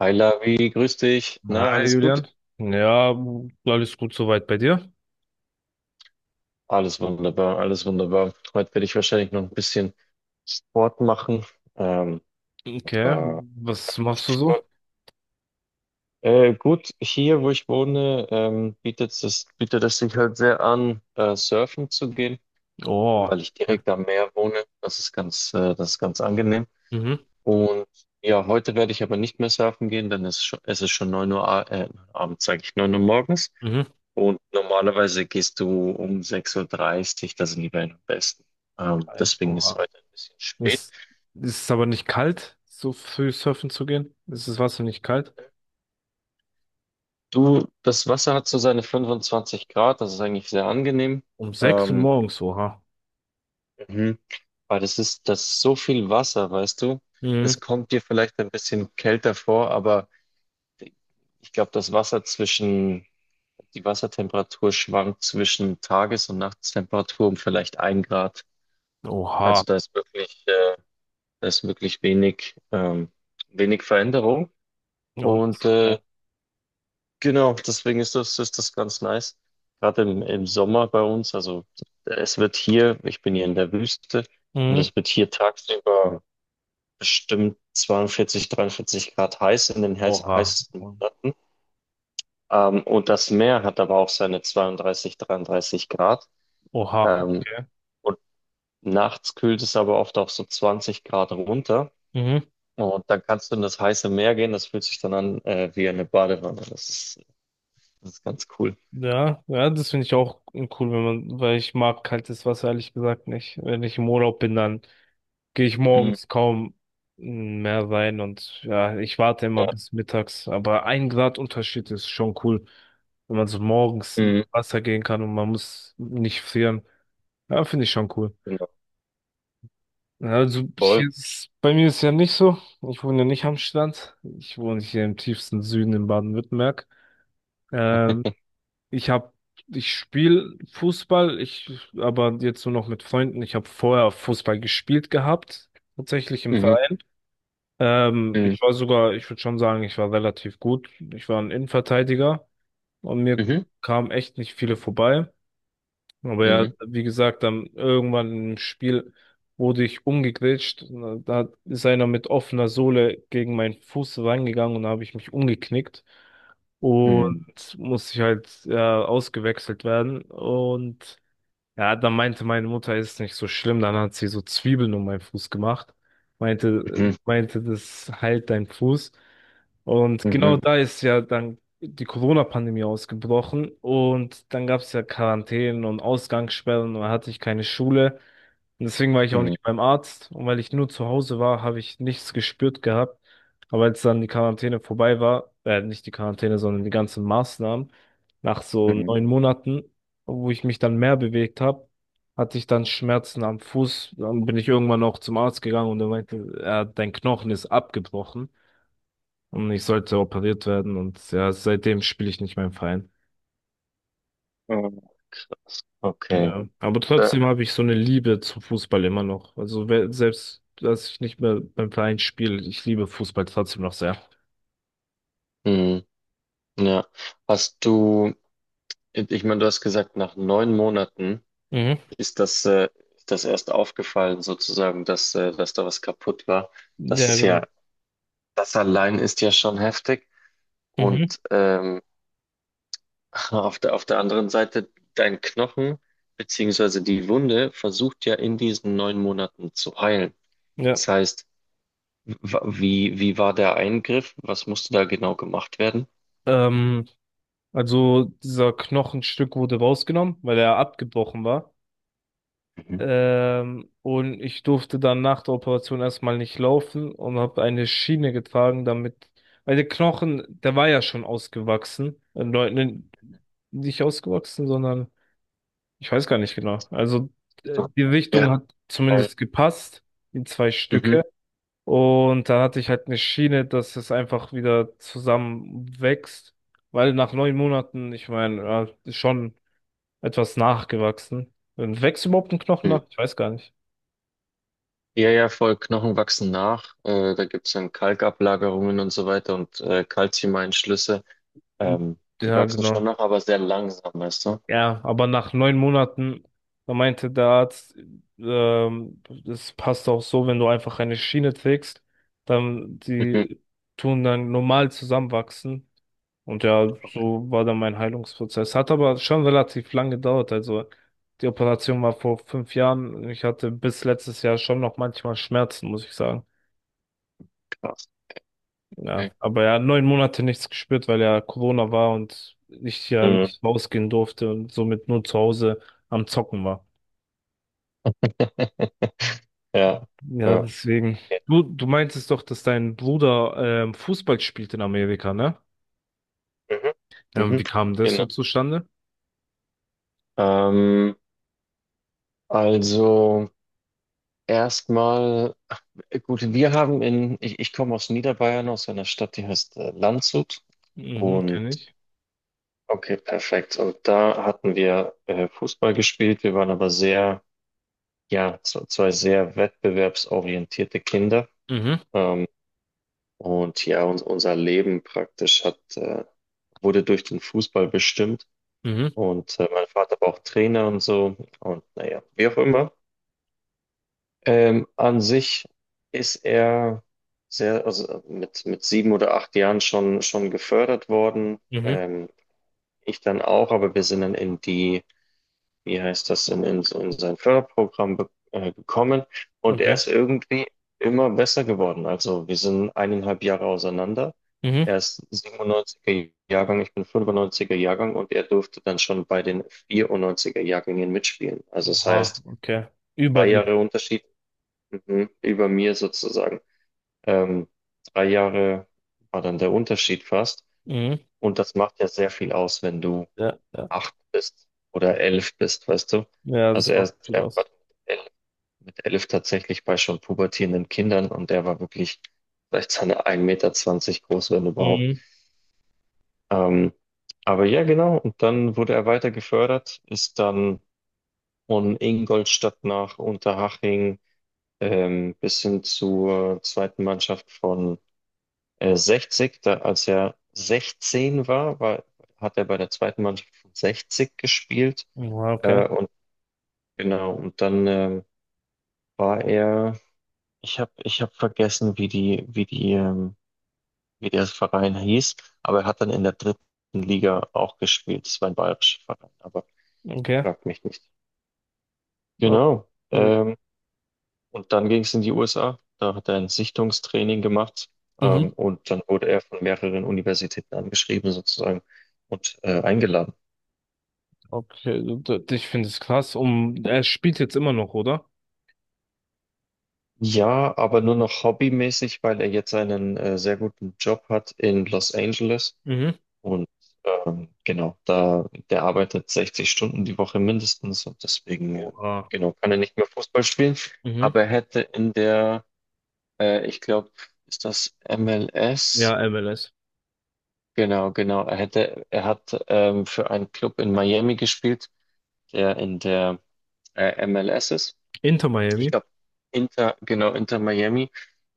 Hi Lavi, grüß dich. Na, Hi alles Julian. gut? Ja, alles gut soweit bei dir? Alles wunderbar, alles wunderbar. Heute werde ich wahrscheinlich noch ein bisschen Sport machen. Ähm, Okay, aber was machst du so? Stichwort. Gut, hier, wo ich wohne, bietet es sich halt sehr an, surfen zu gehen, Oh, weil ich okay. direkt am Meer wohne. Das ist ganz angenehm. Mhm, Und ja, heute werde ich aber nicht mehr surfen gehen, denn es ist schon 9 Uhr, abends, sage ich, 9 Uhr morgens. mhm. Und normalerweise gehst du um 1:30 Uhr, dreißig, da sind die Wellen am besten. Ähm, Echt, deswegen ist oha. heute ein bisschen spät. Ist, ist es aber nicht kalt, so früh surfen zu gehen? Ist das Wasser nicht kalt? Du, das Wasser hat so seine 25 Grad, das ist eigentlich sehr angenehm. Um 6 Uhr Ähm, morgens, oha. mhm. Aber das ist so viel Wasser, weißt du? Mhm. Es kommt dir vielleicht ein bisschen kälter vor, aber ich glaube, die Wassertemperatur schwankt zwischen Tages- und Nachtstemperatur um vielleicht 1 Grad. Oha. Also da ist wirklich, äh, Da ist wirklich wenig Veränderung. Ja, das Und ist geil. genau, deswegen ist das ganz nice. Gerade im Sommer bei uns, also ich bin hier in der Wüste und Mhm. es wird hier tagsüber bestimmt 42, 43 Grad heiß in den Oha. heißesten Monaten. Und das Meer hat aber auch seine 32, 33 Grad. Oha, Ähm, okay. und nachts kühlt es aber oft auch so 20 Grad runter. Mhm. Und dann kannst du in das heiße Meer gehen, das fühlt sich dann an wie eine Badewanne. Das ist ganz cool. Ja, ja, das finde ich auch cool, wenn man, weil ich mag kaltes Wasser ehrlich gesagt nicht. Wenn ich im Urlaub bin, dann gehe ich Mhm. morgens kaum mehr rein und ja, ich warte immer Ja. bis mittags. Aber ein Grad Unterschied ist schon cool, wenn man so morgens ins Mhm. Wasser gehen kann und man muss nicht frieren. Ja, finde ich schon cool. Genau. Also Voll. hier ist, bei mir ist ja nicht so. Ich wohne ja nicht am Strand. Ich wohne hier im tiefsten Süden in Baden-Württemberg. Ähm, ich habe, ich spiele Fußball, ich aber jetzt nur noch mit Freunden. Ich habe vorher Fußball gespielt gehabt, tatsächlich im Mhm. Verein. Mhm. Ich war sogar, ich würde schon sagen, ich war relativ gut. Ich war ein Innenverteidiger und mir Mhm. kamen echt nicht viele vorbei. Aber ja, Mhm. wie gesagt, dann irgendwann im Spiel wurde ich umgegrätscht. Da ist einer mit offener Sohle gegen meinen Fuß reingegangen und da habe ich mich umgeknickt. Mhm. Und musste ich halt ja, ausgewechselt werden. Und ja, dann meinte meine Mutter, ist nicht so schlimm. Dann hat sie so Zwiebeln um meinen Fuß gemacht. Meinte, äh, Mhm. meinte, das heilt dein Fuß. Und genau Mhm. da ist ja dann die Corona-Pandemie ausgebrochen. Und dann gab es ja Quarantänen und Ausgangssperren und da hatte ich keine Schule. Und deswegen war ich auch Mhm. nicht beim Arzt. Und weil ich nur zu Hause war, habe ich nichts gespürt gehabt. Aber als dann die Quarantäne vorbei war, nicht die Quarantäne, sondern die ganzen Maßnahmen, nach so Mhm. 9 Monaten, wo ich mich dann mehr bewegt habe, hatte ich dann Schmerzen am Fuß. Dann bin ich irgendwann auch zum Arzt gegangen und er meinte, ja, dein Knochen ist abgebrochen und ich sollte operiert werden. Und ja, seitdem spiele ich nicht mehr im Verein. Mhm. Okay. Ja, aber Ja. trotzdem habe ich so eine Liebe zum Fußball immer noch. Also selbst, dass ich nicht mehr beim Verein spiele, ich liebe Fußball trotzdem noch sehr. Mhm. Ja. Hast du, Ich meine, du hast gesagt, nach 9 Monaten Mhm. ist das, äh, ist das erst aufgefallen, sozusagen, dass da was kaputt war. Das Ja, ist genau. ja, Das allein ist ja schon heftig. Mhm. Und auf der anderen Seite, dein Knochen beziehungsweise die Wunde versucht ja in diesen 9 Monaten zu heilen. Ja. Das heißt, wie war der Eingriff? Was musste da genau gemacht werden? Ähm, also dieser Knochenstück wurde rausgenommen, weil er abgebrochen war. Mhm. Und ich durfte dann nach der Operation erstmal nicht laufen und habe eine Schiene getragen, damit, weil der Knochen, der war ja schon ausgewachsen. Leuten nicht ausgewachsen, sondern ich weiß gar nicht genau. Also So, die Richtung ja, hat äh, zumindest gepasst, die zwei mhm. Stücke. Und da hatte ich halt eine Schiene, dass es einfach wieder zusammenwächst. Weil nach 9 Monaten, ich meine, ja, ist schon etwas nachgewachsen. Und wächst überhaupt ein Knochen Mhm. nach? Ich weiß gar nicht. Ja, ja, voll, Knochen wachsen nach. Da gibt es dann Kalkablagerungen und so weiter und Calciumeinschlüsse. Ähm, die Ja, wachsen genau. schon nach, aber sehr langsam, weißt du? Ja, aber nach 9 Monaten, da meinte der Arzt, das passt auch so, wenn du einfach eine Schiene trägst, dann Mhm. die tun dann normal zusammenwachsen. Und ja, Okay, so war dann mein Heilungsprozess. Hat aber schon relativ lang gedauert. Also die Operation war vor 5 Jahren. Ich hatte bis letztes Jahr schon noch manchmal Schmerzen, muss ich sagen. krass. Ja, Okay. aber ja, 9 Monate nichts gespürt, weil ja Corona war und ich ja Mhm. nicht rausgehen durfte und somit nur zu Hause am Zocken war. Ja, Ja, ja. deswegen. Du meintest doch, dass dein Bruder Fußball spielt in Amerika, ne? Mhm. Mhm. Wie kam das so Genau. zustande? Ähm, also erstmal, gut, wir haben in, ich komme aus Niederbayern, aus einer Stadt, die heißt Landshut. Mhm, Und kenne ich. okay, perfekt. Und da hatten wir Fußball gespielt. Wir waren aber sehr, ja, zwei sehr wettbewerbsorientierte Kinder. Mhm, Ähm, und ja, unser Leben praktisch wurde durch den Fußball bestimmt. mhm, Und mein Vater war auch Trainer und so. Und naja, wie auch immer. An sich ist er also mit 7 oder 8 Jahren schon gefördert worden. mhm, Ich dann auch, aber wir sind dann wie heißt das, so in sein Förderprogramm gekommen und er okay. ist irgendwie immer besser geworden. Also wir sind 1,5 Jahre auseinander. Mhm. Er ist 97er Jahrgang, ich bin 95er Jahrgang und er durfte dann schon bei den 94er Jahrgängen mitspielen. Also das Ah, heißt, okay. Über drei die. Jahre Unterschied. Mhm. Über mir sozusagen. Ähm, 3 Jahre war dann der Unterschied fast. Mhm. Und das macht ja sehr viel aus, wenn du Ja, ja. acht bist oder 11 bist, weißt du? Ja, Also das macht viel er war aus. Mit 11 tatsächlich bei schon pubertierenden Kindern und der war wirklich vielleicht seine 1,20 Meter groß, wenn überhaupt. Mhm. Ähm, aber ja, genau. Und dann wurde er weiter gefördert, ist dann von Ingolstadt nach Unterhaching bis hin zur zweiten Mannschaft von 60, da, als er 16 war, hat er bei der zweiten Mannschaft von 60 gespielt. Ja, okay, Und genau, war er, ich hab vergessen, wie der Verein hieß, aber er hat dann in der dritten Liga auch gespielt. Das war ein bayerischer Verein, aber okay. fragt mich nicht. Oh. Genau. Und dann ging es in die USA. Da hat er ein Sichtungstraining gemacht. Mhm. Und dann wurde er von mehreren Universitäten angeschrieben, sozusagen, und eingeladen. Okay, ich finde es krass. Er spielt jetzt immer noch, oder? Ja, aber nur noch hobbymäßig, weil er jetzt einen sehr guten Job hat in Los Angeles. Mhm. Und genau, der arbeitet 60 Stunden die Woche mindestens und deswegen, Oha. genau, kann er nicht mehr Fußball spielen. Mhm. Aber er hätte in der, ich glaube, ist das MLS? Ja, MLS. Genau, genau. Er hat für einen Club in Miami gespielt, der in der MLS ist. Inter Ich Miami. glaube, Inter, genau, Inter Miami.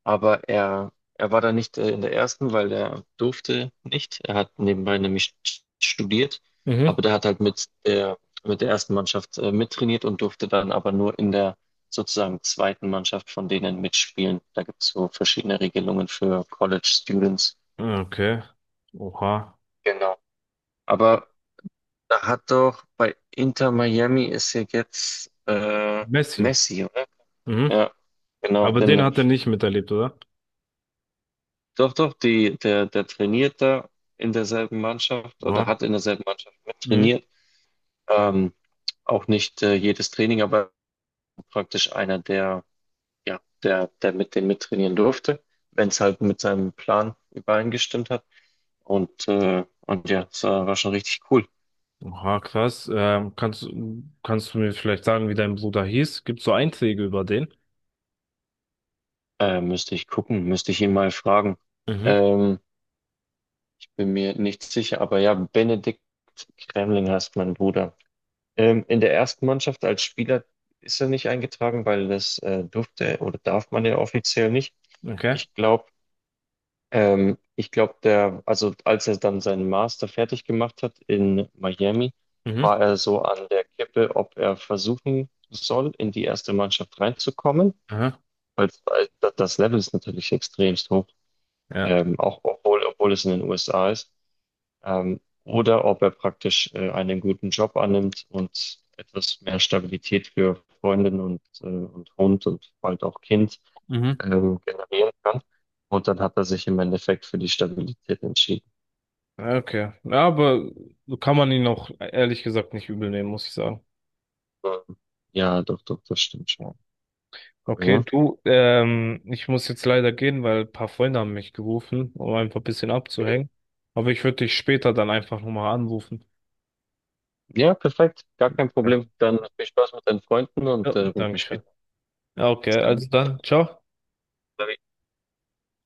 Aber er war da nicht in der ersten, weil er durfte nicht. Er hat nebenbei nämlich studiert, Mhm. aber der hat halt mit der ersten Mannschaft mittrainiert und durfte dann aber nur in der sozusagen zweiten Mannschaft von denen mitspielen. Da gibt es so verschiedene Regelungen für College Students. Okay. Oha. Genau. Aber Da hat doch bei Inter Miami ist ja jetzt Messi. Messi, oder? Mhm. Ja, genau. Aber den Denn, hat er nicht miterlebt, oder? doch, doch, der trainiert da in derselben Mannschaft oder Oha. hat in derselben Mannschaft mit Mhm. trainiert. Ähm, auch nicht jedes Training, aber praktisch einer, der mit dem mittrainieren durfte, wenn es halt mit seinem Plan übereingestimmt hat. Und ja, es war schon richtig cool. Oha, krass. Kannst du mir vielleicht sagen, wie dein Bruder hieß? Gibt's so Einträge über den? Müsste ich ihn mal fragen. Mhm. Ähm, bin mir nicht sicher, aber ja, Benedikt Kremling heißt mein Bruder. In der ersten Mannschaft als Spieler ist er nicht eingetragen, weil das durfte oder darf man ja offiziell nicht. Okay. Ich glaube, ich glaube, also als er dann seinen Master fertig gemacht hat in Miami, Mhm. war er so an der Kippe, ob er versuchen soll, in die erste Mannschaft reinzukommen, Aha. Weil das Level ist natürlich extremst hoch, Ja. Auch obwohl es in den USA ist oder ob er praktisch einen guten Job annimmt und etwas mehr Stabilität für Freundin und Hund und bald auch Kind Mhm. Generieren kann. Und dann hat er sich im Endeffekt für die Stabilität entschieden. Okay. Ja, aber kann man ihn auch ehrlich gesagt nicht übel nehmen, muss ich sagen. Ähm, Ja doch, doch, das stimmt schon. Ja. Aber Okay, ja. du, ich muss jetzt leider gehen, weil ein paar Freunde haben mich gerufen, um einfach ein bisschen Mhm. abzuhängen. Aber ich würde dich später dann einfach nochmal anrufen. Ja, perfekt. Gar kein Ja. Problem. Dann viel Spaß mit deinen Freunden und Ja, ruf mich Dankeschön. später Ja, okay, an. also Bis dann, ciao. dann.